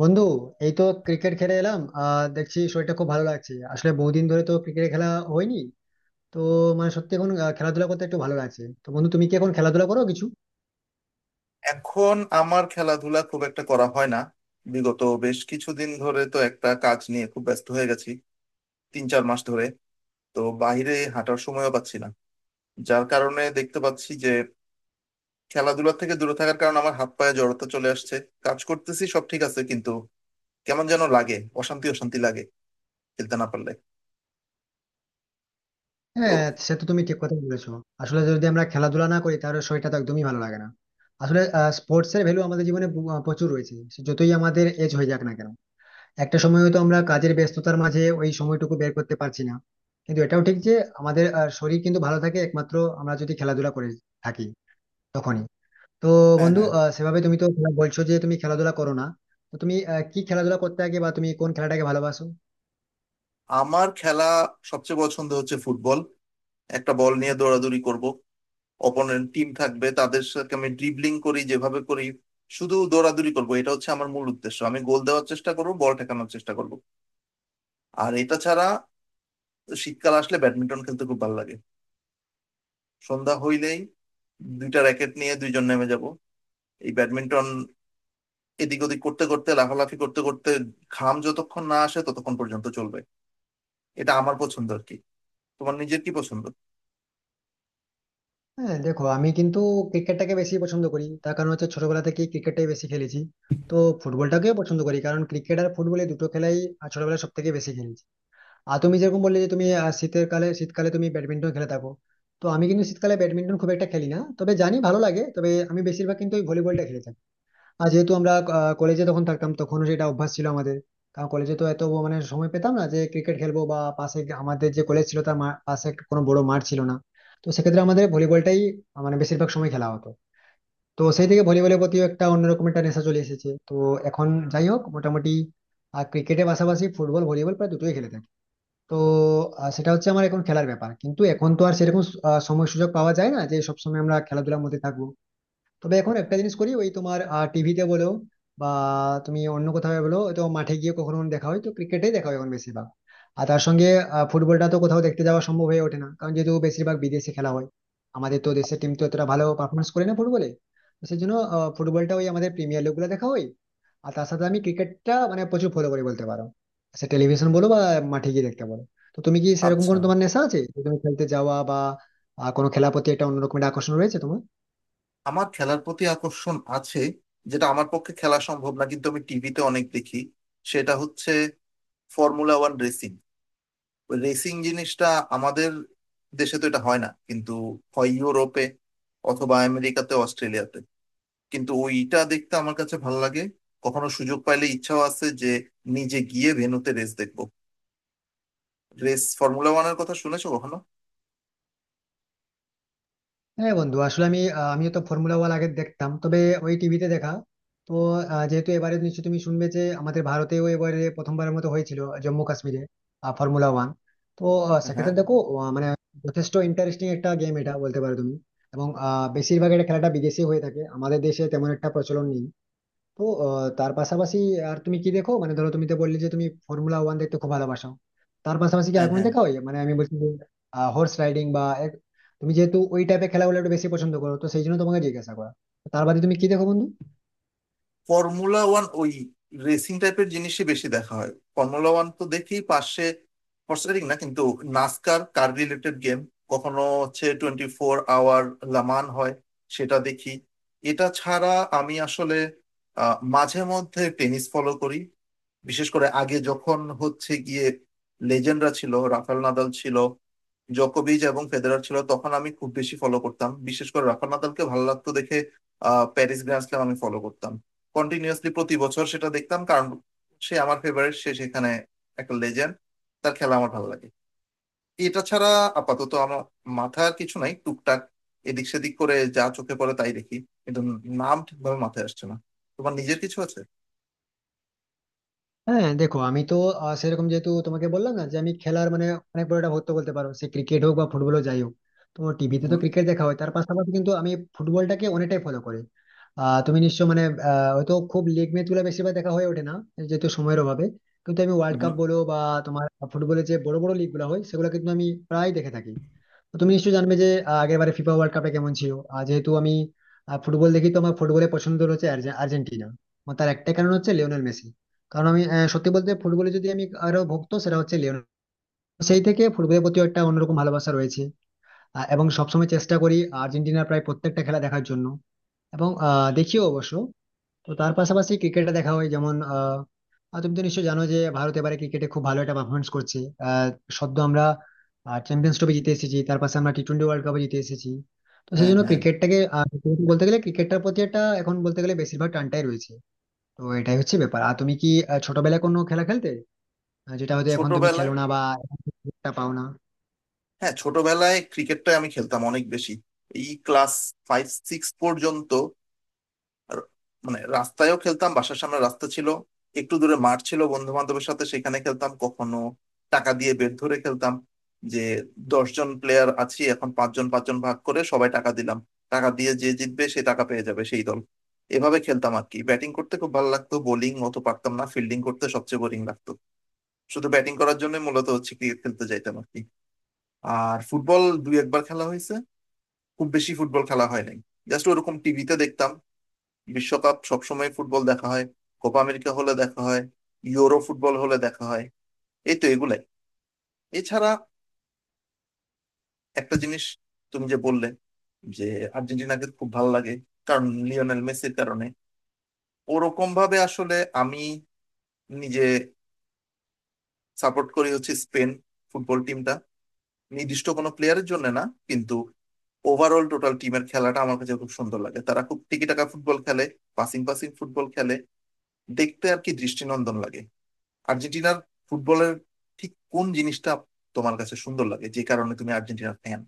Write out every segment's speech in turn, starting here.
বন্ধু, এই তো ক্রিকেট খেলে এলাম। দেখছি শরীরটা খুব ভালো লাগছে। আসলে বহুদিন ধরে তো ক্রিকেট খেলা হয়নি। তো মানে সত্যি এখন খেলাধুলা করতে একটু ভালো লাগছে। তো বন্ধু, তুমি কি এখন খেলাধুলা করো কিছু? এখন আমার খেলাধুলা খুব একটা করা হয় না। বিগত বেশ কিছুদিন ধরে তো একটা কাজ নিয়ে খুব ব্যস্ত হয়ে গেছি, তিন চার মাস ধরে। তো বাইরে হাঁটার সময়ও পাচ্ছি না, যার কারণে দেখতে পাচ্ছি যে খেলাধুলা থেকে দূরে থাকার কারণে আমার হাত পায়ে জড়তা চলে আসছে। কাজ করতেছি, সব ঠিক আছে, কিন্তু কেমন যেন লাগে, অশান্তি অশান্তি লাগে খেলতে না পারলে। তো হ্যাঁ, সে তো তুমি ঠিক কথা বলেছো। আসলে যদি আমরা খেলাধুলা না করি তাহলে শরীরটা তো একদমই ভালো লাগে না। আসলে স্পোর্টস এর ভ্যালু আমাদের জীবনে প্রচুর রয়েছে, সে যতই আমাদের এজ হয়ে যাক না কেন। একটা সময় হয়তো আমরা কাজের ব্যস্ততার মাঝে ওই সময়টুকু বের করতে পারছি না, কিন্তু এটাও ঠিক যে আমাদের শরীর কিন্তু ভালো থাকে একমাত্র আমরা যদি খেলাধুলা করে থাকি তখনই। তো হ্যাঁ, বন্ধু, হ্যাঁ। সেভাবে তুমি তো বলছো যে তুমি খেলাধুলা করো না। তো তুমি কি খেলাধুলা করতে আগে, বা তুমি কোন খেলাটাকে ভালোবাসো? আমার খেলা সবচেয়ে পছন্দ হচ্ছে ফুটবল। একটা বল নিয়ে দৌড়াদৌড়ি করব, অপোনেন্ট টিম থাকবে, তাদের সাথে আমি ড্রিবলিং করি যেভাবে করি, শুধু দৌড়াদৌড়ি করবো, এটা হচ্ছে আমার মূল উদ্দেশ্য। আমি গোল দেওয়ার চেষ্টা করবো, বল ঠেকানোর চেষ্টা করবো। আর এটা ছাড়া শীতকাল আসলে ব্যাডমিন্টন খেলতে খুব ভালো লাগে। সন্ধ্যা হইলেই দুইটা র্যাকেট নিয়ে দুইজন নেমে যাব, এই ব্যাডমিন্টন এদিক ওদিক করতে করতে, লাফালাফি করতে করতে, ঘাম যতক্ষণ না আসে ততক্ষণ পর্যন্ত চলবে। এটা আমার পছন্দ আর কি। তোমার নিজের কি পছন্দ? হ্যাঁ দেখো, আমি কিন্তু ক্রিকেটটাকে বেশি পছন্দ করি, তার কারণ হচ্ছে ছোটবেলা থেকে ক্রিকেটটাই বেশি খেলেছি। তো ফুটবলটাকেও পছন্দ করি, কারণ ক্রিকেট আর ফুটবল এই দুটো খেলাই ছোটবেলায় সব থেকে বেশি খেলেছি। আর তুমি যেরকম বললে যে তুমি শীতের কালে শীতকালে তুমি ব্যাডমিন্টন খেলে থাকো। তো আমি কিন্তু শীতকালে ব্যাডমিন্টন খুব একটা খেলি না, তবে জানি ভালো লাগে, তবে আমি বেশিরভাগ কিন্তু ওই ভলিবলটা খেলে থাকি। আর যেহেতু আমরা কলেজে তখন থাকতাম, তখনও সেটা অভ্যাস ছিল আমাদের। কারণ কলেজে তো এত ব- মানে সময় পেতাম না যে ক্রিকেট খেলবো, বা পাশে আমাদের যে কলেজ ছিল তার পাশে একটা কোনো বড় মাঠ ছিল না। তো সেক্ষেত্রে আমাদের ভলিবলটাই মানে বেশিরভাগ সময় খেলা হতো। তো সেই থেকে ভলিবলের প্রতিও একটা অন্যরকম একটা নেশা চলে এসেছে। তো এখন যাই হোক মোটামুটি, আর ক্রিকেটের পাশাপাশি ফুটবল ভলিবল প্রায় দুটোই খেলে থাকি। তো সেটা হচ্ছে আমার এখন খেলার ব্যাপার, কিন্তু এখন তো আর সেরকম সময় সুযোগ পাওয়া যায় না যে সবসময় আমরা খেলাধুলার মধ্যে থাকবো। তবে এখন একটা জিনিস করি, ওই তোমার টিভিতে বলো বা তুমি অন্য কোথাও বলো, তো মাঠে গিয়ে কখনো কখনো দেখা হয়, তো ক্রিকেটেই দেখা হয় এখন বেশিরভাগ। আর তার সঙ্গে ফুটবলটা তো কোথাও দেখতে যাওয়া সম্ভব হয়ে ওঠে না, কারণ যেহেতু বেশিরভাগ বিদেশে খেলা হয়। আমাদের তো দেশের টিম তো এতটা ভালো পারফরমেন্স করে না ফুটবলে। তো সেই জন্য ফুটবলটা ওই আমাদের প্রিমিয়ার লিগ গুলো দেখা হয়। আর তার সাথে আমি ক্রিকেটটা মানে প্রচুর ফলো করি বলতে পারো, সে টেলিভিশন বলো বা মাঠে গিয়ে দেখতে বলো। তো তুমি কি সেরকম আচ্ছা, কোনো তোমার নেশা আছে যে তুমি খেলতে যাওয়া বা কোনো খেলার প্রতি একটা অন্যরকম একটা আকর্ষণ রয়েছে তোমার? আমার খেলার প্রতি আকর্ষণ আছে যেটা আমার পক্ষে খেলা সম্ভব না, কিন্তু আমি টিভিতে অনেক দেখি। সেটা হচ্ছে ফর্মুলা ওয়ান রেসিং। রেসিং জিনিসটা আমাদের দেশে তো এটা হয় না, কিন্তু হয় ইউরোপে অথবা আমেরিকাতে, অস্ট্রেলিয়াতে। কিন্তু ওইটা দেখতে আমার কাছে ভালো লাগে। কখনো সুযোগ পাইলে ইচ্ছাও আছে যে নিজে গিয়ে ভেন্যুতে রেস দেখবো। রেস ফর্মুলা ওয়ানের কথা শুনেছো কখনো? হ্যাঁ বন্ধু, আসলে আমি আমিও তো ফর্মুলা ওয়ান আগে দেখতাম, তবে ওই টিভিতে দেখা। তো যেহেতু এবারে নিশ্চয়ই তুমি শুনবে যে আমাদের ভারতেও এবারে প্রথমবারের মতো হয়েছিল, জম্মু কাশ্মীরে ফর্মুলা ওয়ান। তো হ্যাঁ, সেক্ষেত্রে দেখো, মানে যথেষ্ট ইন্টারেস্টিং একটা গেম এটা, বলতে পারো তুমি। এবং বেশিরভাগ এটা খেলাটা বিদেশে হয়ে থাকে, আমাদের দেশে তেমন একটা প্রচলন নেই। তো তার পাশাপাশি আর তুমি কি দেখো, মানে ধরো তুমি তো বললে যে তুমি ফর্মুলা ওয়ান দেখতে খুব ভালোবাসো, তার পাশাপাশি কি আর হ্যাঁ, কোনো হ্যাঁ। দেখা হয়? মানে আমি বলছি হর্স রাইডিং বা তুমি যেহেতু ওই টাইপের খেলাগুলো একটু বেশি পছন্দ করো, তো সেই জন্য তোমাকে জিজ্ঞাসা করা। তার বাদে তুমি কি দেখো বন্ধু? ফর্মুলা ওয়ান ওই রেসিং টাইপের জিনিসই বেশি দেখা হয়। ফর্মুলা ওয়ান তো দেখি, পাশে ফরসারিং না কিন্তু, নাসকার কার রিলেটেড গেম। কখনো হচ্ছে টোয়েন্টি ফোর আওয়ার লামান হয়, সেটা দেখি। এটা ছাড়া আমি আসলে মাঝে মধ্যে টেনিস ফলো করি। বিশেষ করে আগে যখন হচ্ছে গিয়ে লেজেন্ডরা ছিল, রাফাল নাদাল ছিল, জোকোভিচ এবং ফেদেরার ছিল, তখন আমি খুব বেশি ফলো করতাম। বিশেষ করে রাফাল নাদালকে ভালো লাগতো দেখে। প্যারিস গ্র্যান্ড স্ল্যাম আমি ফলো করতাম কন্টিনিউয়াসলি, প্রতি বছর সেটা দেখতাম, কারণ সে আমার ফেভারিট, সে সেখানে একটা লেজেন্ড, তার খেলা আমার ভালো লাগে। এটা ছাড়া আপাতত আমার মাথার কিছু নাই। টুকটাক এদিক সেদিক করে যা চোখে পড়ে তাই দেখি, কিন্তু নাম ঠিকভাবে মাথায় আসছে না। তোমার নিজের কিছু আছে? হ্যাঁ দেখো, আমি তো সেরকম যেহেতু তোমাকে বললাম না যে আমি খেলার মানে অনেক বড় একটা ভক্ত বলতে পারো, সে ক্রিকেট হোক বা ফুটবল যাই হোক। তো টিভিতে তো হুম, ক্রিকেট দেখা হয়, তার পাশাপাশি কিন্তু আমি ফুটবলটাকে অনেকটাই ফলো করি। তুমি নিশ্চয় মানে হয়তো খুব লিগ ম্যাচ গুলো বেশিরভাগ দেখা হয়ে ওঠে না যেহেতু সময়ের অভাবে, কিন্তু আমি ওয়ার্ল্ড হুম। কাপ বলো বা তোমার ফুটবলের যে বড় বড় লিগ গুলো হয় সেগুলো কিন্তু আমি প্রায় দেখে থাকি। তো তুমি নিশ্চয়ই জানবে যে আগের বারে ফিফা ওয়ার্ল্ড কাপে কেমন ছিল। আর যেহেতু আমি ফুটবল দেখি, তো আমার ফুটবলের পছন্দ হচ্ছে আর্জেন্টিনা। আমার তার একটাই কারণ হচ্ছে লিওনেল মেসি। কারণ আমি সত্যি বলতে ফুটবলে যদি আমি আরো ভক্ত, সেটা হচ্ছে লিওনেল। সেই থেকে ফুটবলের প্রতি একটা অন্যরকম ভালোবাসা রয়েছে। এবং সবসময় চেষ্টা করি আর্জেন্টিনার প্রায় প্রত্যেকটা খেলা দেখার জন্য, এবং দেখিও অবশ্য। তো তার পাশাপাশি ক্রিকেটে দেখা হয় যেমন আহ আহ, তুমি তো নিশ্চয়ই জানো যে ভারত এবারে ক্রিকেটে খুব ভালো একটা পারফরমেন্স করছে। আহ সদ্য আমরা চ্যাম্পিয়ন্স ট্রফি জিতে এসেছি, তার পাশে আমরা টি টোয়েন্টি ওয়ার্ল্ড কাপে জিতে এসেছি। তো সেই হ্যাঁ, জন্য হ্যাঁ। ক্রিকেটটাকে সত্যি বলতে গেলে ক্রিকেটটার প্রতি একটা এখন বলতে গেলে বেশিরভাগ টানটাই রয়েছে। তো এটাই হচ্ছে ব্যাপার। আর তুমি কি ছোটবেলায় কোনো খেলা খেলতে যেটা হয়তো এখন তুমি খেলো ছোটবেলায়, না, বা এখন তুমি সুযোগটা পাও না? হ্যাঁ, ছোটবেলায় ক্রিকেটটা আমি খেলতাম অনেক বেশি, এই ক্লাস ফাইভ সিক্স পর্যন্ত। আর মানে রাস্তায়ও খেলতাম, বাসার সামনে রাস্তা ছিল, একটু দূরে মাঠ ছিল, বন্ধু বান্ধবের সাথে সেখানে খেলতাম। কখনো টাকা দিয়ে বেট ধরে খেলতাম, যে দশজন প্লেয়ার আছি এখন পাঁচজন পাঁচজন ভাগ করে সবাই টাকা দিলাম, টাকা দিয়ে যে জিতবে সে টাকা পেয়ে যাবে, সেই দল। এভাবে খেলতাম আর কি। ব্যাটিং করতে খুব ভালো লাগতো, বোলিং অত পারতাম না, ফিল্ডিং করতে সবচেয়ে বোরিং লাগতো। শুধু ব্যাটিং করার জন্য মূলত হচ্ছে ক্রিকেট খেলতে যাইতাম আর কি। আর ফুটবল দুই একবার খেলা হয়েছে, খুব বেশি ফুটবল খেলা হয় নাই। জাস্ট ওরকম টিভিতে দেখতাম। বিশ্বকাপ সবসময় ফুটবল দেখা হয়, কোপা আমেরিকা হলে দেখা হয়, ইউরো ফুটবল হলে দেখা হয়, এই তো এগুলাই। এছাড়া একটা জিনিস, তুমি যে বললে যে আর্জেন্টিনাকে খুব ভালো লাগে কারণ লিওনেল মেসির কারণে, ওরকম ভাবে আসলে আমি নিজে সাপোর্ট করি হচ্ছে স্পেন ফুটবল টিমটা। নির্দিষ্ট কোনো প্লেয়ারের জন্য না, কিন্তু ওভারঅল টোটাল টিমের খেলাটা আমার কাছে খুব সুন্দর লাগে। তারা খুব টিকিটাকা ফুটবল খেলে, পাসিং পাসিং ফুটবল খেলে, দেখতে আর কি দৃষ্টিনন্দন লাগে। আর্জেন্টিনার ফুটবলের ঠিক কোন জিনিসটা তোমার কাছে সুন্দর লাগে যে কারণে তুমি আর্জেন্টিনার ফ্যান?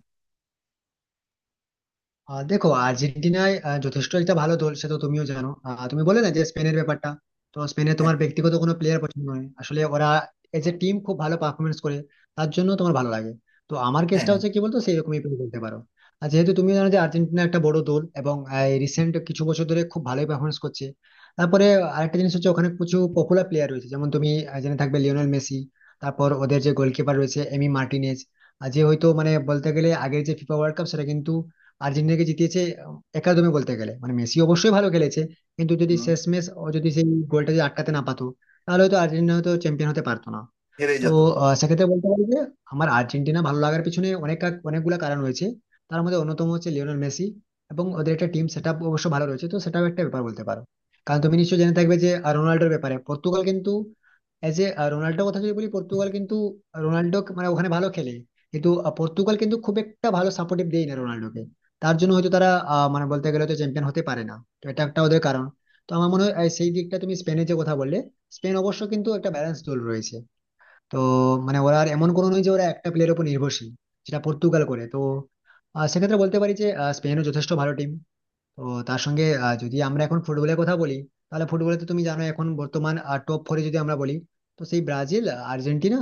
দেখো, আর্জেন্টিনায় যথেষ্ট একটা ভালো দল, সে তো তুমিও জানো। তুমি বলে না যে স্পেনের ব্যাপারটা, তো স্পেনে হ্যাঁ, তোমার ব্যক্তিগত কোনো প্লেয়ার পছন্দ নয়, আসলে ওরা এজ এ টিম খুব ভালো পারফরমেন্স করে, তার জন্য তোমার ভালো লাগে। তো আমার হ্যাঁ, কেসটা হ্যাঁ। হচ্ছে কি বলতো, সেরকমই তুমি বলতে পারো। আর যেহেতু তুমি জানো যে আর্জেন্টিনা একটা বড় দল, এবং রিসেন্ট কিছু বছর ধরে খুব ভালোই পারফরমেন্স করছে। তারপরে আরেকটা জিনিস হচ্ছে ওখানে কিছু পপুলার প্লেয়ার রয়েছে, যেমন তুমি জেনে থাকবে লিওনেল মেসি, তারপর ওদের যে গোলকিপার রয়েছে এমি মার্টিনেজ। আর যে হয়তো মানে বলতে গেলে আগের যে ফিফা ওয়ার্ল্ড কাপ, সেটা কিন্তু আর্জেন্টিনাকে জিতিয়েছে। একাদমে বলতে গেলে মানে মেসি অবশ্যই ভালো খেলেছে, কিন্তু যদি হুম, শেষমেশ ও যদি সেই গোলটা যদি আটকাতে না পারতো তাহলে হয়তো আর্জেন্টিনা হয়তো চ্যাম্পিয়ন হতে পারতো না। হেরেই তো যেত। সেক্ষেত্রে বলতে পারি যে আমার আর্জেন্টিনা ভালো লাগার পিছনে অনেক অনেকগুলো কারণ রয়েছে। তার মধ্যে অন্যতম হচ্ছে লিওনেল মেসি, এবং ওদের একটা টিম সেট আপ অবশ্য ভালো রয়েছে, তো সেটাও একটা ব্যাপার বলতে পারো। কারণ তুমি নিশ্চয়ই জেনে থাকবে যে রোনাল্ডোর ব্যাপারে পর্তুগাল কিন্তু এজ এ রোনাল্ডোর কথা যদি বলি, পর্তুগাল কিন্তু রোনাল্ডো মানে ওখানে ভালো খেলে, কিন্তু পর্তুগাল কিন্তু খুব একটা ভালো সাপোর্টিভ দেয় না রোনাল্ডোকে। তার জন্য হয়তো তারা মানে বলতে গেলে তো চ্যাম্পিয়ন হতে পারে না। তো এটা একটা ওদের কারণ। তো আমার মনে হয় সেই দিকটা তুমি স্পেনের যে কথা বললে, স্পেন অবশ্য কিন্তু একটা ব্যালেন্স দল রয়েছে। তো মানে ওরা আর এমন কোনো নয় যে ওরা একটা প্লেয়ারের উপর নির্ভরশীল, যেটা পর্তুগাল করে। তো সেক্ষেত্রে বলতে পারি যে স্পেনও যথেষ্ট ভালো টিম। তো তার সঙ্গে যদি আমরা এখন ফুটবলের কথা বলি, তাহলে ফুটবলে তো তুমি জানো এখন বর্তমান টপ ফোরে যদি আমরা বলি, তো সেই ব্রাজিল, আর্জেন্টিনা,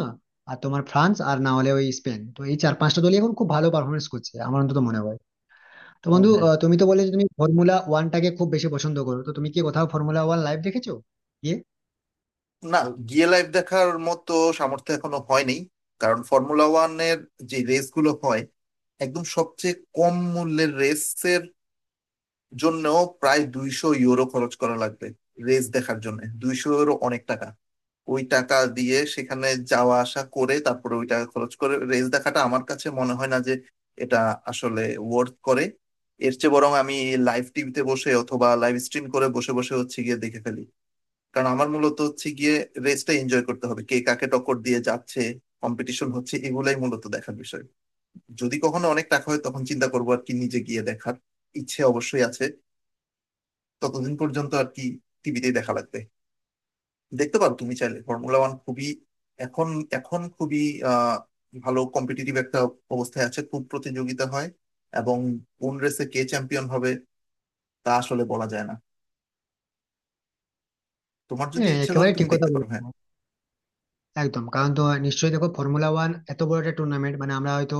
আর তোমার ফ্রান্স, আর না হলে ওই স্পেন। তো এই চার পাঁচটা দলই এখন খুব ভালো পারফরমেন্স করছে আমার অন্তত মনে হয়। তো হ্যাঁ, বন্ধু, হ্যাঁ। তুমি তো বললে যে তুমি ফর্মুলা ওয়ানটাকে খুব বেশি পছন্দ করো, তো তুমি কি কোথাও ফর্মুলা ওয়ান লাইভ দেখেছো গিয়ে? না, গিয়ে লাইভ দেখার মতো সামর্থ্য এখনো হয়নি। কারণ ফর্মুলা ওয়ানের যে রেস গুলো হয়, একদম সবচেয়ে কম মূল্যের রেসের জন্য প্রায় 200 ইউরো খরচ করা লাগবে। রেস দেখার জন্য 200 ইউরো অনেক টাকা। ওই টাকা দিয়ে সেখানে যাওয়া আসা করে তারপরে ওই টাকা খরচ করে রেস দেখাটা আমার কাছে মনে হয় না যে এটা আসলে ওয়ার্থ করে। এর চেয়ে বরং আমি লাইভ টিভিতে বসে, অথবা লাইভ স্ট্রিম করে বসে বসে হচ্ছে গিয়ে দেখে ফেলি। কারণ আমার মূলত হচ্ছে গিয়ে রেসটা এনজয় করতে হবে, কে কাকে টক্কর দিয়ে যাচ্ছে, কম্পিটিশন হচ্ছে, এগুলাই মূলত দেখার বিষয়। যদি কখনো অনেক টাকা হয় তখন চিন্তা করবো আর কি নিজে গিয়ে দেখার, ইচ্ছে অবশ্যই আছে। ততদিন পর্যন্ত আর কি টিভিতেই দেখা লাগবে। দেখতে পারো তুমি চাইলে, ফর্মুলা ওয়ান খুবই, এখন এখন খুবই আহ ভালো কম্পিটিটিভ একটা অবস্থায় আছে, খুব প্রতিযোগিতা হয়। এবং কোন রেসে কে চ্যাম্পিয়ন হবে তা আসলে বলা যায় না। তোমার যদি হ্যাঁ, ইচ্ছা করে একেবারে ঠিক তুমি কথা দেখতে বলো পারো, হ্যাঁ। একদম। কারণ তো নিশ্চয়ই দেখো ফর্মুলা ওয়ান এত বড় একটা টুর্নামেন্ট, মানে আমরা হয়তো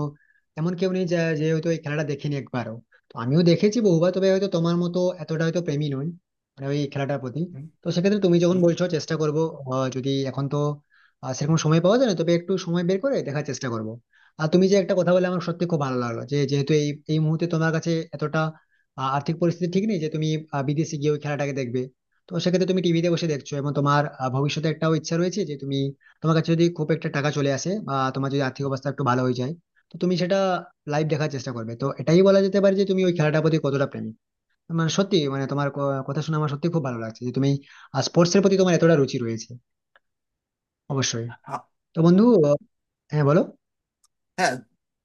এমন কেউ নেই যে হয়তো এই খেলাটা দেখেনি একবারও। তো আমিও দেখেছি বহুবার, তবে হয়তো তোমার মতো এতটা হয়তো প্রেমী নই মানে ওই খেলাটার প্রতি। হুম, তো সেক্ষেত্রে তুমি যখন হুম। বলছো চেষ্টা করবো, যদি এখন তো সেরকম সময় পাওয়া যায় না, তবে একটু সময় বের করে দেখার চেষ্টা করবো। আর তুমি যে একটা কথা বলে আমার সত্যি খুব ভালো লাগলো যে যেহেতু এই এই মুহূর্তে তোমার কাছে এতটা আর্থিক পরিস্থিতি ঠিক নেই যে তুমি বিদেশে গিয়ে ওই খেলাটাকে দেখবে। তো সেক্ষেত্রে তুমি টিভিতে বসে দেখছো এবং তোমার ভবিষ্যতে একটাও ইচ্ছা রয়েছে যে তুমি, তোমার কাছে যদি খুব একটা টাকা চলে আসে বা তোমার যদি আর্থিক অবস্থা একটু ভালো হয়ে যায়, তো তুমি সেটা লাইভ দেখার চেষ্টা করবে। তো এটাই বলা যেতে পারে যে তুমি ওই খেলাটার প্রতি কতটা প্রেমী। মানে সত্যি মানে তোমার কথা শুনে আমার সত্যি খুব ভালো লাগছে যে তুমি স্পোর্টস এর প্রতি তোমার এতটা রুচি রয়েছে অবশ্যই। আ- তো বন্ধু, হ্যাঁ বলো। হ্যাঁ,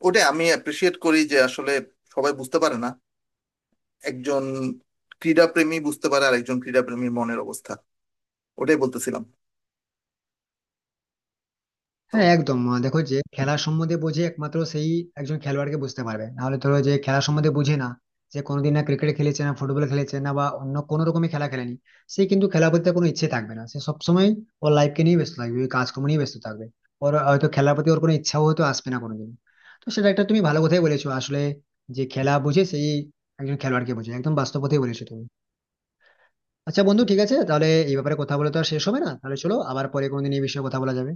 ওটাই আমি অ্যাপ্রিসিয়েট করি, যে আসলে সবাই বুঝতে পারে না, একজন ক্রীড়া প্রেমী বুঝতে পারে আর একজন ক্রীড়া প্রেমীর মনের অবস্থা। ওটাই বলতেছিলাম। তো হ্যাঁ একদম, দেখো যে খেলা সম্বন্ধে বোঝে একমাত্র সেই একজন খেলোয়াড়কে বুঝতে পারবে। নাহলে ধরো যে খেলা সম্বন্ধে বুঝে না, যে কোনোদিন না ক্রিকেট খেলেছে না ফুটবল খেলেছে না বা অন্য কোনো রকমের খেলা খেলেনি, সে কিন্তু খেলা প্রতি তার কোনো ইচ্ছে থাকবে না। সে সবসময় ওর লাইফকে নিয়ে ব্যস্ত থাকবে, ওই কাজকর্ম নিয়ে ব্যস্ত থাকবে। ওর হয়তো খেলার প্রতি ওর কোনো ইচ্ছাও হয়তো আসবে না কোনোদিন। তো সেটা একটা তুমি ভালো কথাই বলেছো আসলে, যে খেলা বুঝে সেই একজন খেলোয়াড়কে বোঝে। একদম বাস্তব কথাই বলেছো তুমি। আচ্ছা বন্ধু, ঠিক আছে, তাহলে এই ব্যাপারে কথা বলে তো আর শেষ হবে না, তাহলে চলো আবার পরে কোনোদিন এই বিষয়ে কথা বলা যাবে।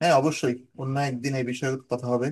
হ্যাঁ, অবশ্যই। অন্য একদিন এই বিষয়ে কথা হবে।